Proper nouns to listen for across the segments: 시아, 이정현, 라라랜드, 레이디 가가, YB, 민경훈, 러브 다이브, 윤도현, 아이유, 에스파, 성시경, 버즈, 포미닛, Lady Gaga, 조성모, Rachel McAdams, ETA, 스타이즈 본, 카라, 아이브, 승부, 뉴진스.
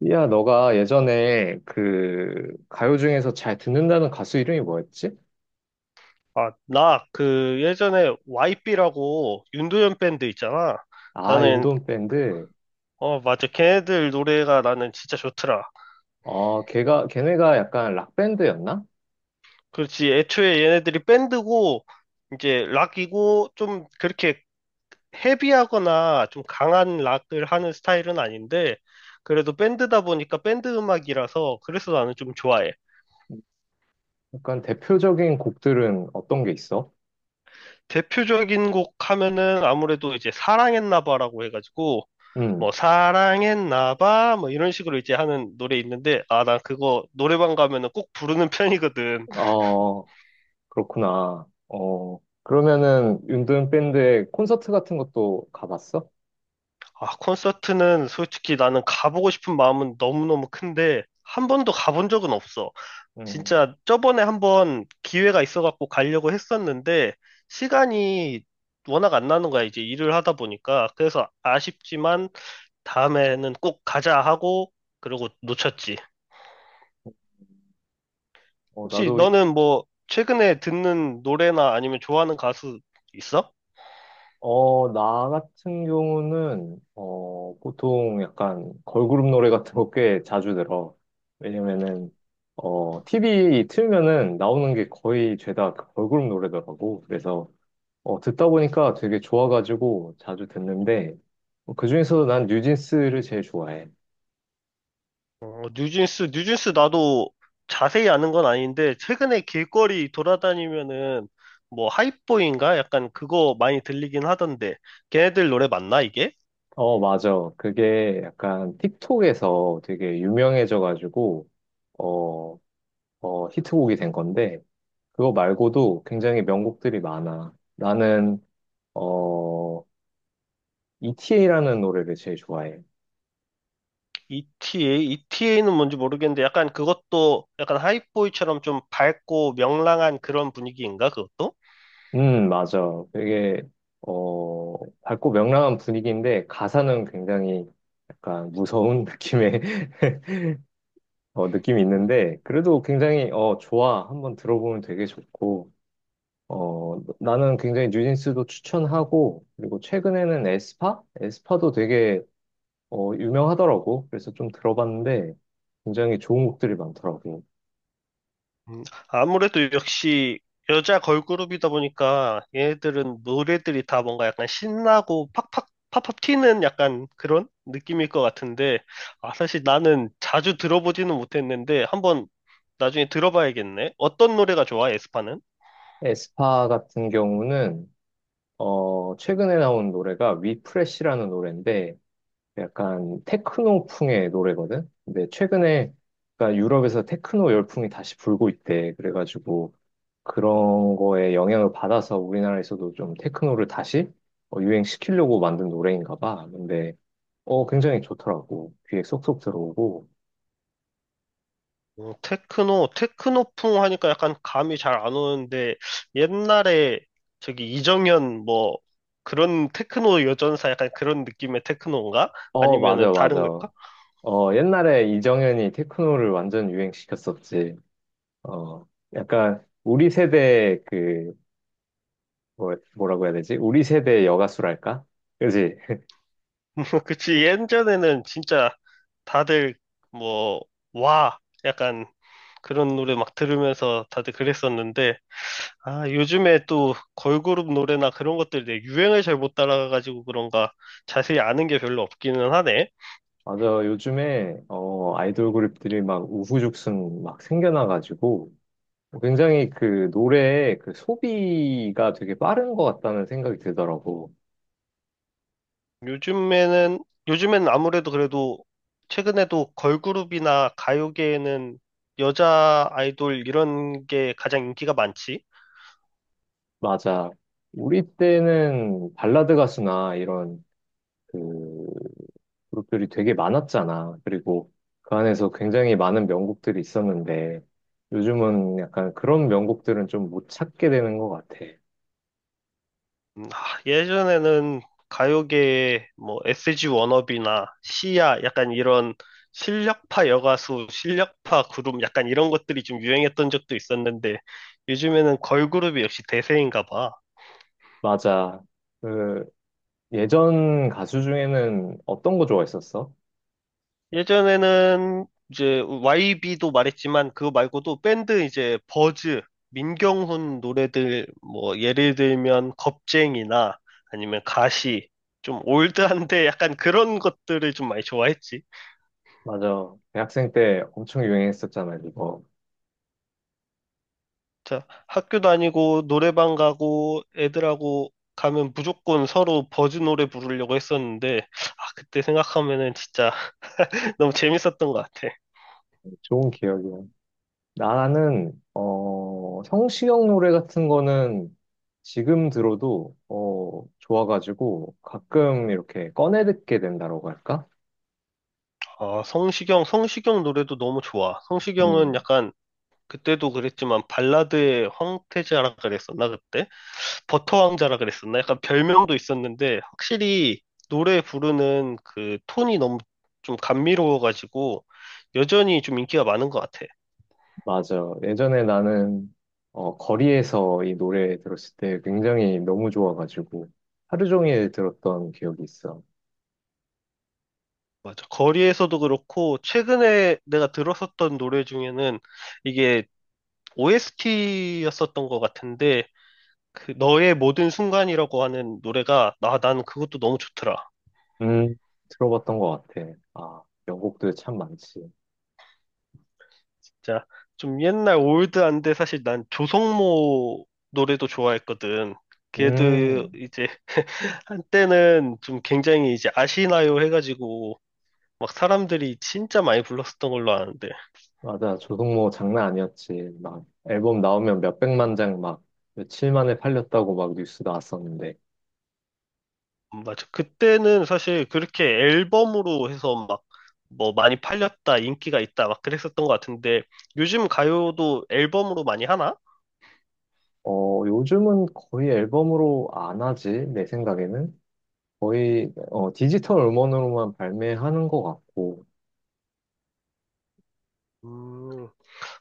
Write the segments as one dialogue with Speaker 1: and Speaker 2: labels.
Speaker 1: 삐야, 너가 예전에 그 가요 중에서 잘 듣는다는 가수 이름이 뭐였지?
Speaker 2: 아, 나, 그, 예전에 YB라고 윤도현 밴드 있잖아.
Speaker 1: 아, 윤
Speaker 2: 나는,
Speaker 1: 도은 밴드.
Speaker 2: 어, 맞아. 걔네들 노래가 나는 진짜 좋더라.
Speaker 1: 걔네가 약간 락밴드였나?
Speaker 2: 그렇지. 애초에 얘네들이 밴드고, 이제 락이고, 좀 그렇게 헤비하거나 좀 강한 락을 하는 스타일은 아닌데, 그래도 밴드다 보니까 밴드 음악이라서, 그래서 나는 좀 좋아해.
Speaker 1: 약간 대표적인 곡들은 어떤 게 있어?
Speaker 2: 대표적인 곡 하면은 아무래도 이제 사랑했나 봐라고 해가지고
Speaker 1: 음.
Speaker 2: 뭐 사랑했나 봐 뭐 이런 식으로 이제 하는 노래 있는데 아 난 그거 노래방 가면은 꼭 부르는 편이거든.
Speaker 1: 어, 그렇구나. 그러면은 윤도은 밴드의 콘서트 같은 것도 가봤어?
Speaker 2: 아 콘서트는 솔직히 나는 가보고 싶은 마음은 너무너무 큰데 한 번도 가본 적은 없어.
Speaker 1: 음.
Speaker 2: 진짜 저번에 한번 기회가 있어갖고 가려고 했었는데 시간이 워낙 안 나는 거야 이제 일을 하다 보니까 그래서 아쉽지만 다음에는 꼭 가자 하고, 그러고 놓쳤지. 혹시
Speaker 1: 나도.
Speaker 2: 너는 뭐, 최근에 듣는 노래나 아니면 좋아하는 가수 있어?
Speaker 1: 나 같은 경우는, 보통 약간 걸그룹 노래 같은 거 꽤 자주 들어. 왜냐면은, TV 틀면은 나오는 게 거의 죄다 그 걸그룹 노래더라고. 그래서, 듣다 보니까 되게 좋아가지고 자주 듣는데, 그중에서도 난 뉴진스를 제일 좋아해.
Speaker 2: 어, 뉴진스, 뉴진스 나도 자세히 아는 건 아닌데, 최근에 길거리 돌아다니면은, 뭐, 하이보인가? 약간 그거 많이 들리긴 하던데, 걔네들 노래 맞나, 이게?
Speaker 1: 어, 맞아. 그게 약간 틱톡에서 되게 유명해져가지고, 어, 히트곡이 된 건데, 그거 말고도 굉장히 명곡들이 많아. 나는, 어, ETA라는 노래를 제일 좋아해.
Speaker 2: ETA? ETA는 뭔지 모르겠는데, 약간 그것도, 약간 하이보이처럼 좀 밝고 명랑한 그런 분위기인가, 그것도?
Speaker 1: 맞아. 되게 밝고 명랑한 분위기인데, 가사는 굉장히 약간 무서운 느낌의, 느낌이 있는데, 그래도 굉장히 좋아. 한번 들어보면 되게 좋고, 나는 굉장히 뉴진스도 추천하고, 그리고 최근에는 에스파? 에스파도 되게 유명하더라고. 그래서 좀 들어봤는데 굉장히 좋은 곡들이 많더라고.
Speaker 2: 음, 아무래도 역시 여자 걸그룹이다 보니까 얘네들은 노래들이 다 뭔가 약간 신나고 팍팍 팍팍 튀는 약간 그런 느낌일 것 같은데 아, 사실 나는 자주 들어보지는 못했는데 한번 나중에 들어봐야겠네. 어떤 노래가 좋아, 에스파는?
Speaker 1: 에스파 같은 경우는 최근에 나온 노래가 위프레시라는 노래인데 약간 테크노풍의 노래거든. 근데 최근에 그러니까 유럽에서 테크노 열풍이 다시 불고 있대. 그래가지고 그런 거에 영향을 받아서 우리나라에서도 좀 테크노를 다시 유행시키려고 만든 노래인가 봐. 근데 굉장히 좋더라고. 귀에 쏙쏙 들어오고.
Speaker 2: 어, 테크노, 테크노풍 하니까 약간 감이 잘 안 오는데 옛날에 저기 이정현 뭐 그런 테크노 여전사 약간 그런 느낌의 테크노인가?
Speaker 1: 어,
Speaker 2: 아니면은
Speaker 1: 맞아,
Speaker 2: 다른
Speaker 1: 맞아.
Speaker 2: 걸까?
Speaker 1: 옛날에 이정현이 테크노를 완전 유행시켰었지. 어, 약간 우리 세대 그, 뭐, 뭐라고 해야 되지? 우리 세대 여가수랄까? 그지?
Speaker 2: 그치. 예전에는 진짜 다들 뭐, 와. 약간 그런 노래 막 들으면서 다들 그랬었는데, 아, 요즘에 또 걸그룹 노래나 그런 것들 내 유행을 잘 못 따라가가지고 그런가 자세히 아는 게 별로 없기는 하네.
Speaker 1: 맞아. 요즘에, 아이돌 그룹들이 막 우후죽순 막 생겨나가지고 굉장히 그 노래의 그 소비가 되게 빠른 것 같다는 생각이 들더라고.
Speaker 2: 요즘에는, 요즘엔 아무래도 그래도 최근에도 걸그룹이나 가요계에는 여자 아이돌 이런 게 가장 인기가 많지.
Speaker 1: 맞아. 우리 때는 발라드 가수나 이런 그 그룹들이 되게 많았잖아. 그리고 그 안에서 굉장히 많은 명곡들이 있었는데 요즘은 약간 그런 명곡들은 좀 못 찾게 되는 것 같아.
Speaker 2: 아, 예전에는 가요계에 뭐 SG 워너비나 시아 약간 이런 실력파 여가수, 실력파 그룹 약간 이런 것들이 좀 유행했던 적도 있었는데 요즘에는 걸그룹이 역시 대세인가 봐.
Speaker 1: 맞아. 그 예전 가수 중에는 어떤 거 좋아했었어?
Speaker 2: 예전에는 이제 YB도 말했지만 그거 말고도 밴드 이제 버즈, 민경훈 노래들 뭐 예를 들면 겁쟁이나 아니면 가시 좀 올드한데 약간 그런 것들을 좀 많이 좋아했지.
Speaker 1: 맞아. 대학생 때 엄청 유행했었잖아, 이거.
Speaker 2: 자, 학교 다니고 노래방 가고 애들하고 가면 무조건 서로 버즈 노래 부르려고 했었는데 아, 그때 생각하면은 진짜 너무 재밌었던 것 같아.
Speaker 1: 좋은 기억이야. 나는 성시경 노래 같은 거는 지금 들어도 좋아가지고 가끔 이렇게 꺼내 듣게 된다고 할까?
Speaker 2: 아, 성시경, 성시경 노래도 너무 좋아. 성시경은
Speaker 1: 음,
Speaker 2: 약간 그때도 그랬지만 발라드의 황태자라 그랬었나 그때? 버터 왕자라 그랬었나? 약간 별명도 있었는데 확실히 노래 부르는 그 톤이 너무 좀 감미로워가지고 여전히 좀 인기가 많은 것 같아.
Speaker 1: 맞아. 예전에 나는 거리에서 이 노래 들었을 때 굉장히 너무 좋아가지고 하루 종일 들었던 기억이 있어.
Speaker 2: 맞아. 거리에서도 그렇고, 최근에 내가 들었었던 노래 중에는 이게 OST였었던 것 같은데, 그 너의 모든 순간이라고 하는 노래가, 아, 나는 그것도 너무 좋더라.
Speaker 1: 음, 들어봤던 것 같아. 아, 명곡들 참 많지.
Speaker 2: 진짜 좀 옛날 올드한데 사실 난 조성모 노래도 좋아했거든. 걔도
Speaker 1: 음,
Speaker 2: 이제 한때는 좀 굉장히 이제 아시나요 해가지고, 막 사람들이 진짜 많이 불렀었던 걸로 아는데,
Speaker 1: 맞아. 조성모 장난 아니었지. 막 앨범 나오면 몇백만 장 막 며칠 만에 팔렸다고 막 뉴스 나왔었는데.
Speaker 2: 맞아. 그때는 사실 그렇게 앨범으로 해서 막 뭐 많이 팔렸다, 인기가 있다, 막 그랬었던 것 같은데 요즘 가요도 앨범으로 많이 하나?
Speaker 1: 어, 요즘은 거의 앨범으로 안 하지, 내 생각에는. 거의 디지털 음원으로만 발매하는 것 같고.
Speaker 2: 음,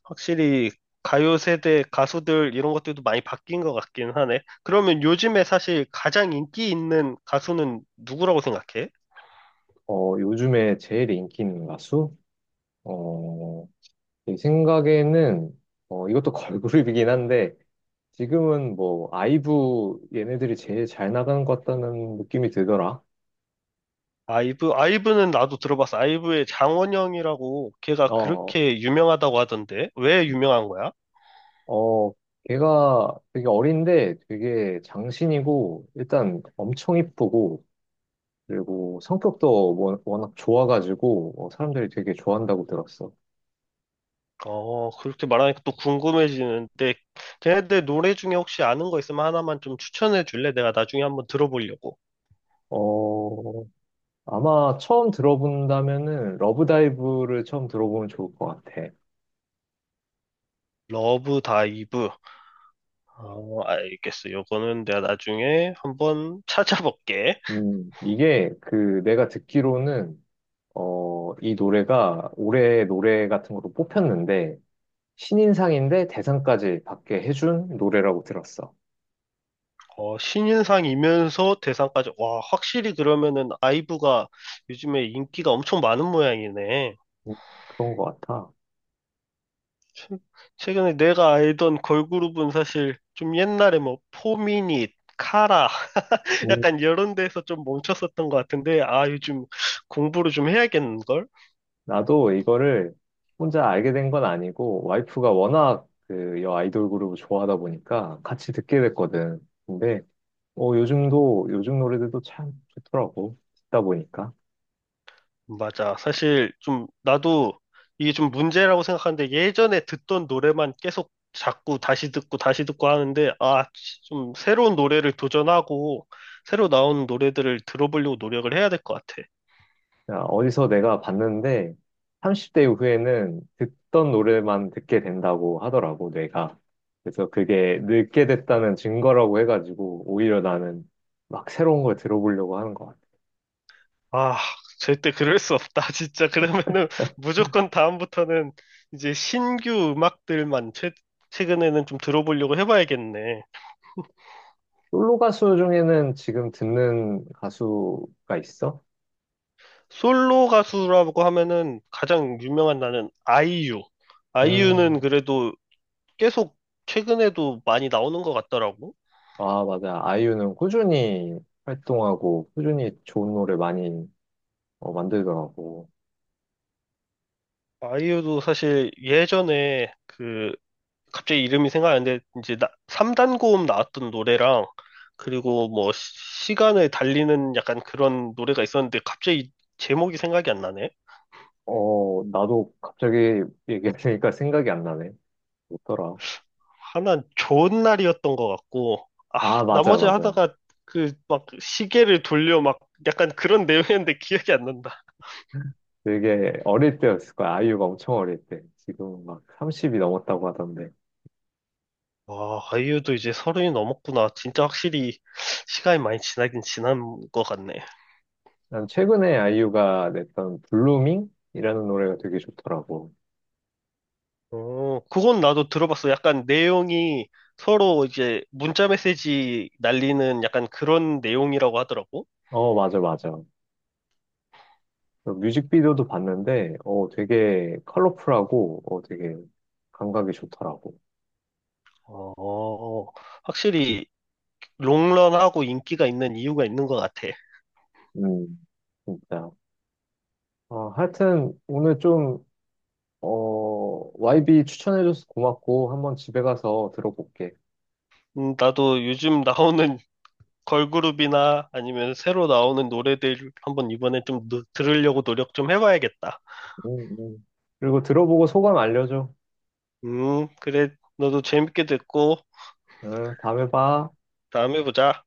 Speaker 2: 확실히 가요 세대 가수들 이런 것들도 많이 바뀐 것 같긴 하네. 그러면 요즘에 사실 가장 인기 있는 가수는 누구라고 생각해?
Speaker 1: 어, 요즘에 제일 인기 있는 가수? 어, 제 생각에는, 이것도 걸그룹이긴 한데, 지금은 뭐, 아이브 얘네들이 제일 잘 나가는 것 같다는 느낌이 들더라.
Speaker 2: 아이브? 아이브는 나도 들어봤어. 아이브의 장원영이라고 걔가
Speaker 1: 어,
Speaker 2: 그렇게 유명하다고 하던데 왜 유명한 거야?
Speaker 1: 어, 걔가 되게 어린데 되게 장신이고, 일단 엄청 이쁘고, 그리고 성격도 워낙 좋아가지고, 사람들이 되게 좋아한다고 들었어.
Speaker 2: 어, 그렇게 말하니까 또 궁금해지는데, 걔네들 노래 중에 혹시 아는 거 있으면 하나만 좀 추천해 줄래? 내가 나중에 한번 들어보려고.
Speaker 1: 어, 아마 처음 들어본다면은 러브다이브를 처음 들어보면 좋을 것 같아.
Speaker 2: 러브 다이브. 어, 알겠어. 요거는 내가 나중에 한번 찾아볼게.
Speaker 1: 이게 그 내가 듣기로는 이 노래가 올해 노래 같은 걸로 뽑혔는데 신인상인데 대상까지 받게 해준 노래라고 들었어.
Speaker 2: 어, 신인상이면서 대상까지. 와, 확실히 그러면은 아이브가 요즘에 인기가 엄청 많은 모양이네.
Speaker 1: 음, 그런 것 같아.
Speaker 2: 최근에 내가 알던 걸그룹은 사실 좀 옛날에 뭐 포미닛, 카라,
Speaker 1: 음,
Speaker 2: 약간 이런 데서 좀 멈췄었던 것 같은데, 아, 요즘 공부를 좀 해야겠는걸?
Speaker 1: 나도 이거를 혼자 알게 된 건 아니고 와이프가 워낙 그 여 아이돌 그룹을 좋아하다 보니까 같이 듣게 됐거든. 근데 요즘 노래들도 참 좋더라고. 듣다 보니까.
Speaker 2: 맞아. 사실 좀 나도 이게 좀 문제라고 생각하는데, 예전에 듣던 노래만 계속 자꾸 다시 듣고 다시 듣고 하는데, 아, 좀 새로운 노래를 도전하고, 새로 나오는 노래들을 들어보려고 노력을 해야 될 것 같아.
Speaker 1: 그냥 어디서 내가 봤는데, 30대 이후에는 듣던 노래만 듣게 된다고 하더라고, 뇌가. 그래서 그게 늙게 됐다는 증거라고 해가지고, 오히려 나는 막 새로운 걸 들어보려고 하는 것 같아.
Speaker 2: 아, 절대 그럴 수 없다. 진짜 그러면은 무조건 다음부터는 이제 신규 음악들만 최근에는 좀 들어보려고 해봐야겠네.
Speaker 1: 솔로 가수 중에는 지금 듣는 가수가 있어?
Speaker 2: 솔로 가수라고 하면은 가장 유명한 나는 아이유. 아이유는
Speaker 1: 음,
Speaker 2: 그래도 계속 최근에도 많이 나오는 것 같더라고.
Speaker 1: 아, 맞아. 아이유는 꾸준히 활동하고, 꾸준히 좋은 노래 많이 만들더라고.
Speaker 2: 아이유도 사실 예전에 그 갑자기 이름이 생각 안 나는데 이제 나, 3단 고음 나왔던 노래랑 그리고 뭐 시간을 달리는 약간 그런 노래가 있었는데 갑자기 제목이 생각이 안 나네.
Speaker 1: 나도 갑자기 얘기하니까 생각이 안 나네. 뭐더라?
Speaker 2: 하나는 좋은 날이었던 것 같고, 아,
Speaker 1: 아, 맞아,
Speaker 2: 나머지
Speaker 1: 맞아.
Speaker 2: 하다가 그 막 시계를 돌려 막 약간 그런 내용이었는데 기억이 안 난다.
Speaker 1: 되게 어릴 때였을 거야. 아이유가 엄청 어릴 때. 지금 막 30이 넘었다고 하던데.
Speaker 2: 와, 아이유도 이제 서른이 넘었구나. 진짜 확실히 시간이 많이 지나긴 지난 것 같네.
Speaker 1: 난 최근에 아이유가 냈던 블루밍이라는 노래가 되게 좋더라고.
Speaker 2: 어, 그건 나도 들어봤어. 약간 내용이 서로 이제 문자 메시지 날리는 약간 그런 내용이라고 하더라고.
Speaker 1: 어, 맞아, 맞아. 그 뮤직비디오도 봤는데, 되게 컬러풀하고, 되게 감각이 좋더라고.
Speaker 2: 어, 확실히 롱런하고 인기가 있는 이유가 있는 것 같아.
Speaker 1: 음, 진짜. 하여튼 오늘 좀 YB 추천해줘서 고맙고, 한번 집에 가서 들어볼게.
Speaker 2: 나도 요즘 나오는 걸그룹이나 아니면 새로 나오는 노래들 한번 이번에 좀 들으려고 노력 좀 해봐야겠다.
Speaker 1: 음, 음. 그리고 들어보고 소감 알려줘.
Speaker 2: 그래. 너도 재밌게 듣고
Speaker 1: 응, 다음에 봐.
Speaker 2: 다음에 보자.